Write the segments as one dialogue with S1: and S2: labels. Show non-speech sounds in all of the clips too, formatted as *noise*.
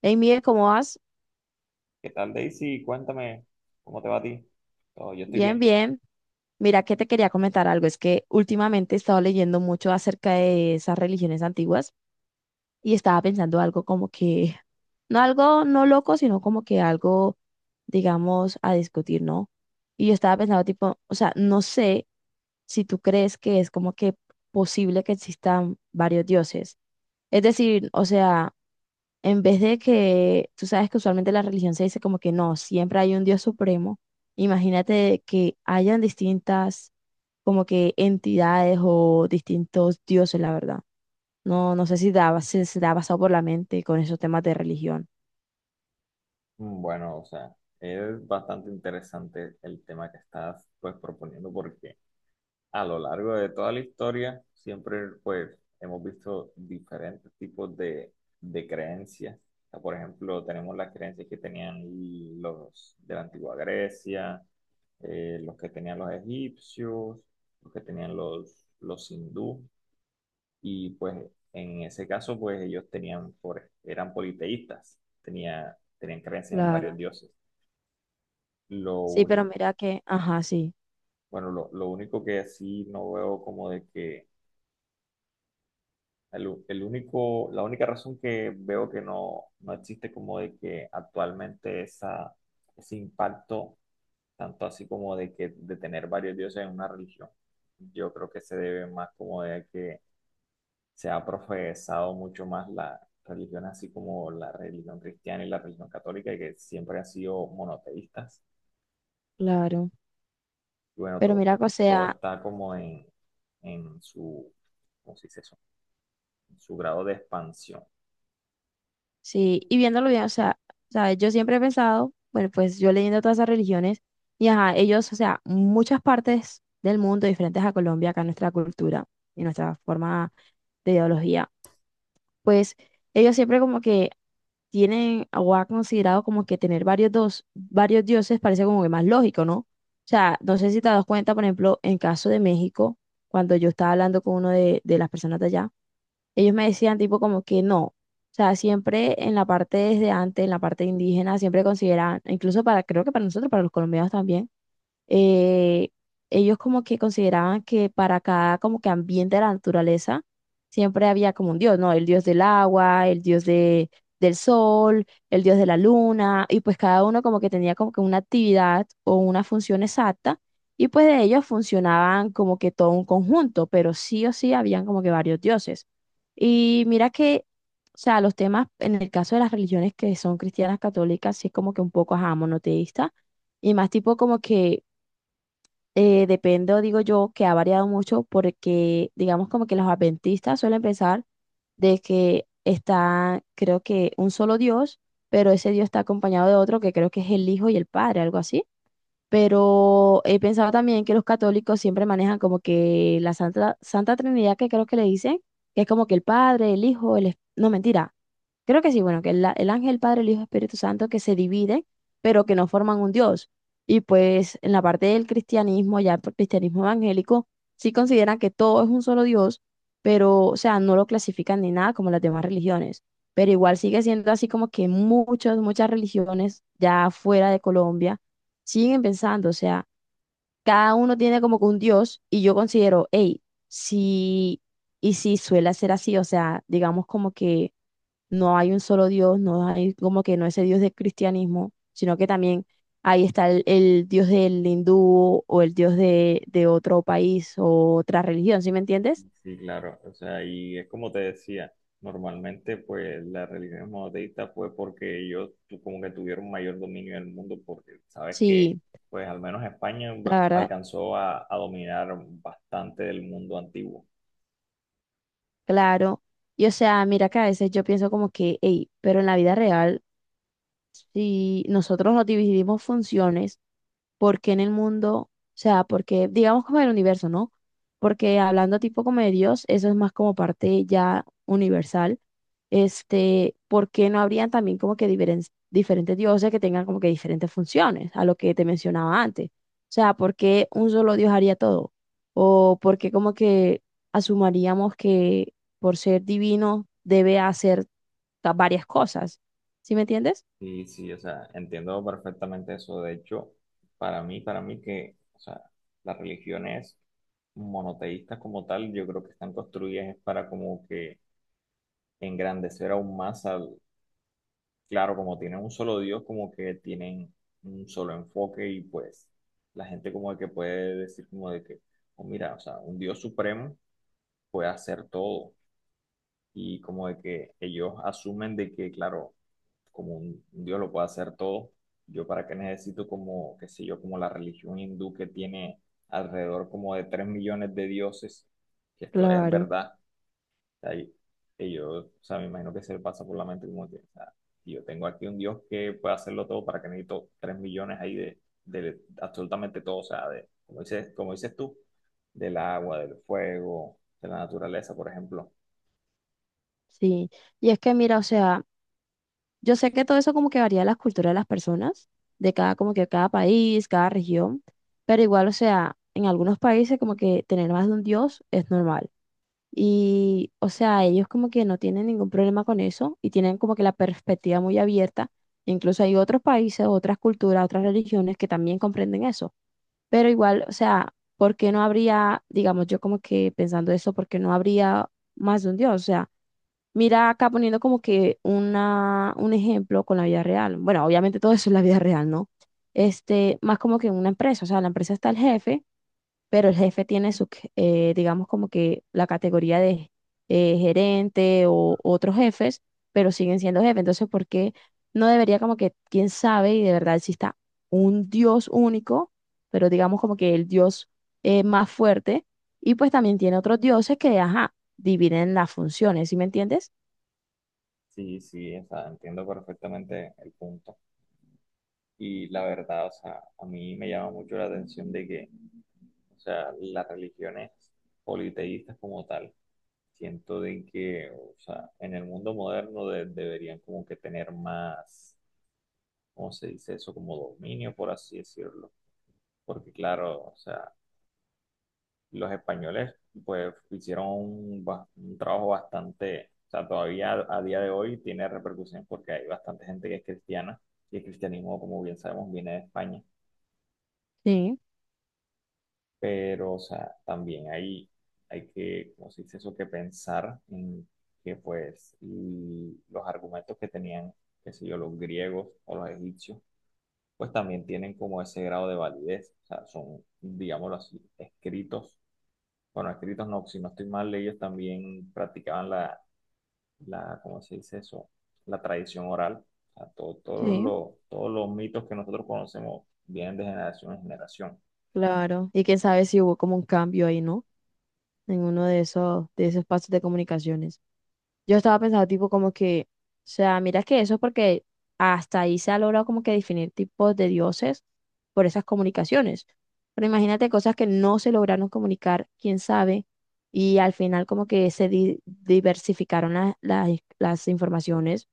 S1: Hey, Miguel, ¿cómo vas?
S2: ¿Qué tal, Daisy? Cuéntame cómo te va a ti. Oh, yo estoy
S1: Bien,
S2: bien.
S1: bien. Mira que te quería comentar algo. Es que últimamente he estado leyendo mucho acerca de esas religiones antiguas y estaba pensando algo como que, *laughs* no algo no loco, sino como que algo, digamos, a discutir, ¿no? Y yo estaba pensando tipo, o sea, no sé si tú crees que es como que posible que existan varios dioses. Es decir, o sea, en vez de que, tú sabes que usualmente la religión se dice como que no, siempre hay un Dios supremo. Imagínate que hayan distintas como que entidades o distintos dioses, la verdad. No, no sé si daba, se te ha pasado por la mente con esos temas de religión.
S2: Mm, bueno, o sea, es bastante interesante el tema que estás pues proponiendo porque a lo largo de toda la historia siempre pues hemos visto diferentes tipos de creencias. O sea, por ejemplo, tenemos las creencias que tenían los de la antigua Grecia, los que tenían los egipcios, los que tenían los hindúes. Y pues en ese caso, pues ellos tenían, eran politeístas, tenían creencias en
S1: Claro,
S2: varios dioses. Lo
S1: sí, pero
S2: único,
S1: mira que, ajá, sí,
S2: bueno, lo único que sí no veo como de que, el único, la única razón que veo que no existe como de que actualmente esa, ese impacto, tanto así como de que de tener varios dioses en una religión, yo creo que se debe más como de que se ha profesado mucho más la religión, así como la religión cristiana y la religión católica, y que siempre han sido monoteístas.
S1: claro.
S2: Y bueno,
S1: Pero
S2: todo,
S1: mira
S2: todo,
S1: que, o sea,
S2: todo está como en su, ¿cómo se dice eso? En su grado de expansión.
S1: sí, y viéndolo bien, o sea, ¿sabes? Yo siempre he pensado, bueno, pues yo leyendo todas esas religiones, y ajá, ellos, o sea, muchas partes del mundo diferentes a Colombia, acá nuestra cultura y nuestra forma de ideología, pues ellos siempre como que tienen o ha considerado como que tener varios, dos, varios dioses parece como que más lógico, ¿no? O sea, no sé si te das cuenta, por ejemplo, en caso de México, cuando yo estaba hablando con uno de las personas de allá, ellos me decían tipo como que no. O sea, siempre en la parte desde antes, en la parte indígena, siempre consideraban, incluso para, creo que para nosotros, para los colombianos también, eh, ellos como que consideraban que para cada como que ambiente de la naturaleza siempre había como un dios, ¿no? El dios del agua, el dios de, del sol, el dios de la luna, y pues cada uno como que tenía como que una actividad o una función exacta, y pues de ellos funcionaban como que todo un conjunto, pero sí o sí habían como que varios dioses. Y mira que... O sea, los temas en el caso de las religiones que son cristianas católicas, sí es como que un poco, ajá, monoteísta, y más tipo como que dependo, digo yo, que ha variado mucho porque, digamos, como que los adventistas suelen pensar de que está, creo que un solo Dios, pero ese Dios está acompañado de otro que creo que es el Hijo y el Padre, algo así. Pero he pensado también que los católicos siempre manejan como que la Santa, Santa Trinidad, que creo que le dicen, que es como que el Padre, el Hijo, el... No, mentira. Creo que sí, bueno, que el, el ángel, el Padre, el Hijo, Espíritu Santo, que se dividen, pero que no forman un Dios. Y pues en la parte del cristianismo, ya el cristianismo evangélico, sí consideran que todo es un solo Dios, pero, o sea, no lo clasifican ni nada como las demás religiones. Pero igual sigue siendo así como que muchas, muchas religiones ya fuera de Colombia siguen pensando, o sea, cada uno tiene como que un Dios y yo considero, hey, sí, y sí suele ser así, o sea, digamos como que no hay un solo Dios, no hay como que no ese Dios del cristianismo, sino que también ahí está el Dios del hindú o el Dios de otro país o otra religión, ¿sí me entiendes?
S2: Sí, claro, o sea, y es como te decía, normalmente pues la religión monoteísta fue porque ellos como que tuvieron mayor dominio del mundo, porque sabes que
S1: Sí,
S2: pues al menos España
S1: la verdad,
S2: alcanzó a dominar bastante del mundo antiguo.
S1: claro. Y o sea, mira que a veces yo pienso como que, hey, pero en la vida real si nosotros nos dividimos funciones, ¿por qué en el mundo? O sea, porque digamos como el universo, ¿no? Porque hablando tipo como de Dios, eso es más como parte ya universal. Este, ¿por qué no habrían también como que diferentes dioses que tengan como que diferentes funciones a lo que te mencionaba antes? O sea, ¿por qué un solo Dios haría todo? ¿O por qué como que asumaríamos que por ser divino debe hacer varias cosas? ¿Sí me entiendes?
S2: Sí, sí, o sea, entiendo perfectamente eso. De hecho, para mí que, o sea, las religiones monoteístas como tal, yo creo que están construidas es para como que engrandecer aún más al, claro, como tienen un solo Dios, como que tienen un solo enfoque y pues la gente como que puede decir como de que, oh, mira, o sea, un Dios supremo puede hacer todo y como de que ellos asumen de que, claro, como un Dios lo puede hacer todo, yo para qué necesito como, qué sé yo, como la religión hindú que tiene alrededor como de 3 millones de dioses, que esto es
S1: Claro,
S2: verdad, o sea, ellos, o sea, me imagino que se le pasa por la mente como que, o sea, si yo tengo aquí un Dios que puede hacerlo todo, para qué necesito 3 millones ahí de absolutamente todo, o sea, de, como dices tú, del agua, del fuego, de la naturaleza, por ejemplo.
S1: sí. Y es que mira, o sea, yo sé que todo eso como que varía de las culturas de las personas, de cada, como que cada país, cada región, pero igual, o sea, en algunos países como que tener más de un dios es normal. Y, o sea, ellos como que no tienen ningún problema con eso y tienen como que la perspectiva muy abierta. Incluso hay otros países, otras culturas, otras religiones que también comprenden eso. Pero igual, o sea, ¿por qué no habría, digamos, yo como que pensando eso, ¿por qué no habría más de un dios? O sea, mira acá poniendo como que una, un ejemplo con la vida real. Bueno, obviamente todo eso es la vida real, ¿no? Este, más como que en una empresa, o sea, en la empresa está el jefe, pero el jefe tiene su, digamos como que la categoría de gerente o otros jefes, pero siguen siendo jefe. Entonces, ¿por qué no debería como que, quién sabe, y de verdad exista un Dios único, pero digamos como que el Dios más fuerte, y pues también tiene otros dioses que, ajá, dividen las funciones, ¿sí me entiendes?
S2: Sí, sí, o sea, entiendo perfectamente el punto. Y la verdad, o sea, a mí me llama mucho la atención de que, o sea, las religiones politeístas como tal, siento de que, o sea, en el mundo moderno deberían como que tener más, ¿cómo se dice eso? Como dominio, por así decirlo. Porque claro, o sea, los españoles pues hicieron un, un trabajo bastante, o sea, todavía a día de hoy tiene repercusión porque hay bastante gente que es cristiana y el cristianismo, como bien sabemos, viene de España,
S1: Sí,
S2: pero, o sea, también hay que, ¿cómo se dice eso?, que pensar en que pues y los argumentos que tenían, qué sé yo, los griegos o los egipcios, pues también tienen como ese grado de validez, o sea, son, digámoslo así, escritos. Bueno, escritos no, si no estoy mal, ellos también practicaban ¿cómo se dice eso? La tradición oral. O sea,
S1: sí,
S2: todos los mitos que nosotros conocemos vienen de generación en generación.
S1: claro. Y quién sabe si hubo como un cambio ahí, ¿no? En uno de esos pasos de comunicaciones. Yo estaba pensando tipo como que, o sea, mira que eso es porque hasta ahí se ha logrado como que definir tipos de dioses por esas comunicaciones. Pero imagínate cosas que no se lograron comunicar, quién sabe, y al final como que se diversificaron las informaciones.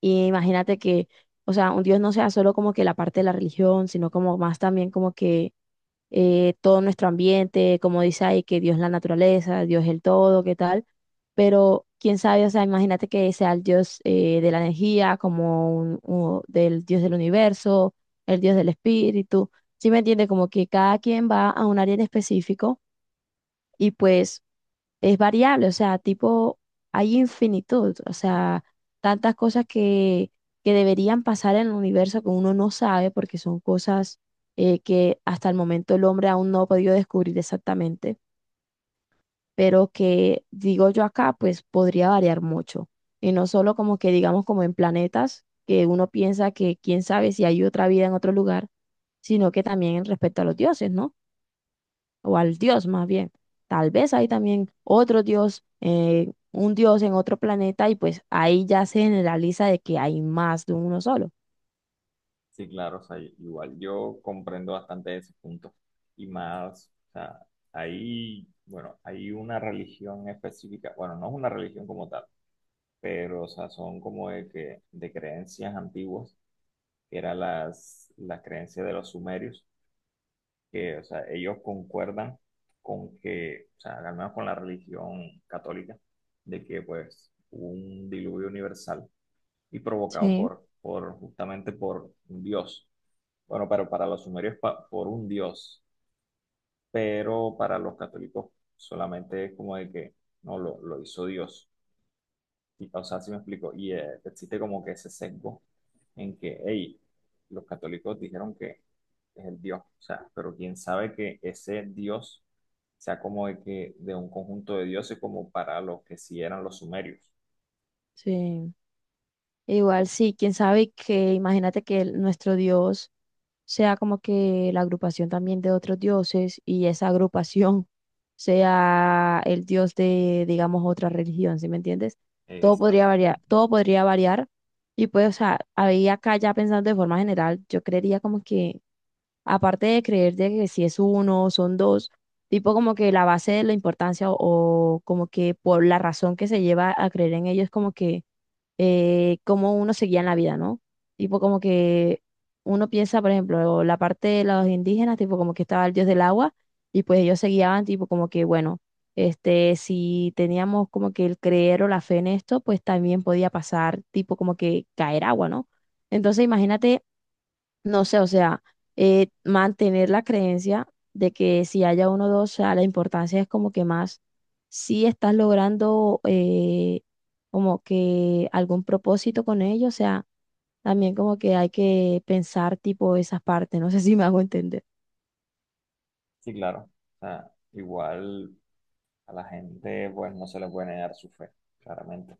S1: Y imagínate que, o sea, un dios no sea solo como que la parte de la religión, sino como más también como que todo nuestro ambiente, como dice ahí, que Dios es la naturaleza, Dios es el todo, qué tal, pero quién sabe, o sea, imagínate que sea el Dios de la energía, como un, del Dios del universo, el Dios del espíritu, ¿sí me entiende? Como que cada quien va a un área en específico y pues es variable, o sea, tipo, hay infinitud, o sea, tantas cosas que deberían pasar en el universo que uno no sabe porque son cosas que hasta el momento el hombre aún no ha podido descubrir exactamente, pero que, digo yo acá, pues podría variar mucho. Y no solo como que digamos como en planetas, que uno piensa que quién sabe si hay otra vida en otro lugar, sino que también respecto a los dioses, ¿no? O al dios más bien. Tal vez hay también otro dios, un dios en otro planeta y pues ahí ya se generaliza de que hay más de uno solo.
S2: Sí, claro, o sea, igual yo comprendo bastante ese punto. Y más, o sea, hay, bueno, hay una religión específica, bueno, no es una religión como tal, pero, o sea, son como de que, de creencias antiguas, que eran las creencias de los sumerios que, o sea, ellos concuerdan con que, o sea, al menos con la religión católica, de que pues hubo un diluvio universal y provocado
S1: Sí,
S2: por justamente por un dios. Bueno, pero para los sumerios por un dios, pero para los católicos solamente es como de que no lo hizo Dios. Y, o sea, si me explico, y existe como que ese sesgo en que, hey, los católicos dijeron que es el Dios, o sea, pero quién sabe que ese Dios sea como de que de un conjunto de dioses como para los que sí eran los sumerios.
S1: sí. Igual sí, quién sabe que imagínate que nuestro dios sea como que la agrupación también de otros dioses y esa agrupación *laughs* sea el dios de, digamos, otra religión, ¿sí me entiendes?
S2: Exactamente.
S1: Todo podría variar y pues, o sea, ahí acá ya pensando de forma general, yo creería como que aparte de creer de que si es uno son dos, tipo como que la base de la importancia o como que por la razón que se lleva a creer en ellos, como que cómo uno se guía en la vida, ¿no? Tipo como que uno piensa, por ejemplo, la parte de los indígenas, tipo como que estaba el dios del agua y pues ellos se guiaban tipo como que, bueno, este, si teníamos como que el creer o la fe en esto, pues también podía pasar tipo como que caer agua, ¿no? Entonces imagínate no sé, o sea, mantener la creencia de que si haya uno o dos, o sea, la importancia es como que más si estás logrando como que algún propósito con ello, o sea, también como que hay que pensar tipo esas partes, no sé *laughs* si me hago entender.
S2: Sí, claro. O sea, igual a la gente pues no se le puede negar su fe, claramente. O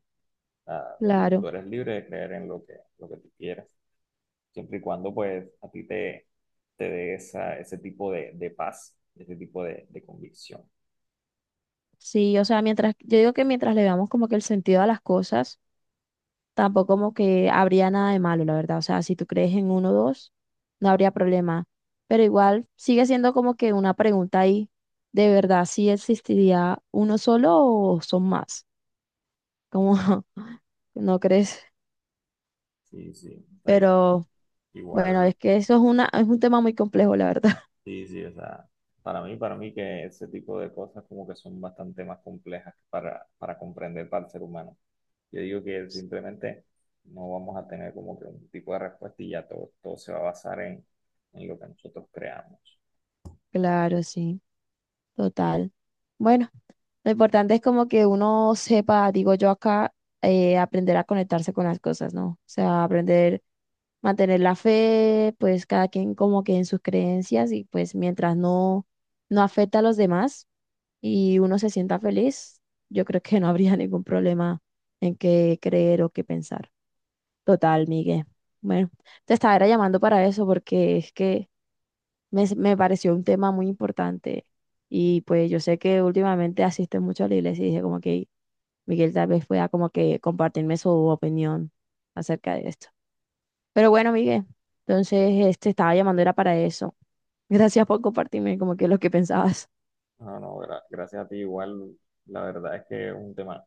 S2: sea, tú
S1: Claro,
S2: eres libre de creer en lo que tú quieras. Siempre y cuando pues a ti te dé esa, ese tipo de paz, ese tipo de convicción.
S1: sí, o sea, mientras, yo digo que mientras le veamos como que el sentido a las cosas. Tampoco como que habría nada de malo, la verdad. O sea, si tú crees en uno o dos, no habría problema. Pero igual sigue siendo como que una pregunta ahí, ¿de verdad si existiría uno solo o son más? Como, *laughs* ¿no crees?
S2: Sí, sí, o sea,
S1: Pero bueno,
S2: igual,
S1: es que eso es una, es un tema muy complejo, la verdad. *laughs*
S2: sí, sí, o sea, para mí que ese tipo de cosas como que son bastante más complejas para comprender para el ser humano. Yo digo que simplemente no vamos a tener como que un tipo de respuesta y ya todo, todo se va a basar en lo que nosotros creamos.
S1: Claro, sí, total. Bueno. Lo importante es como que uno sepa, digo yo acá, aprender a conectarse con las cosas, ¿no? O sea, aprender, mantener la fe, pues cada quien como que en sus creencias y pues mientras no, no afecta a los demás y uno se sienta feliz, yo creo que no habría *laughs* ningún problema en qué creer o qué pensar. Total, Miguel. Bueno, te estaba era llamando para eso porque es que me pareció un tema muy importante. Y pues yo sé que últimamente asiste mucho a la iglesia y dije como que Miguel tal vez pueda como que compartirme su opinión acerca de esto. Pero bueno, Miguel, entonces este estaba llamando era para eso. *laughs* Gracias por compartirme como que lo que pensabas.
S2: No, no, gracias a ti igual, la verdad es que es un tema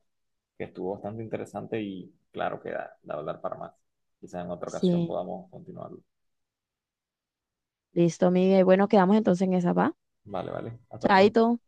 S2: que estuvo bastante interesante y claro que da, da hablar para más. Quizás en otra ocasión
S1: Sí,
S2: podamos continuarlo.
S1: listo, Miguel. Bueno, quedamos entonces en esa, ¿va?
S2: Vale, vale. Hasta pronto.
S1: Chaito.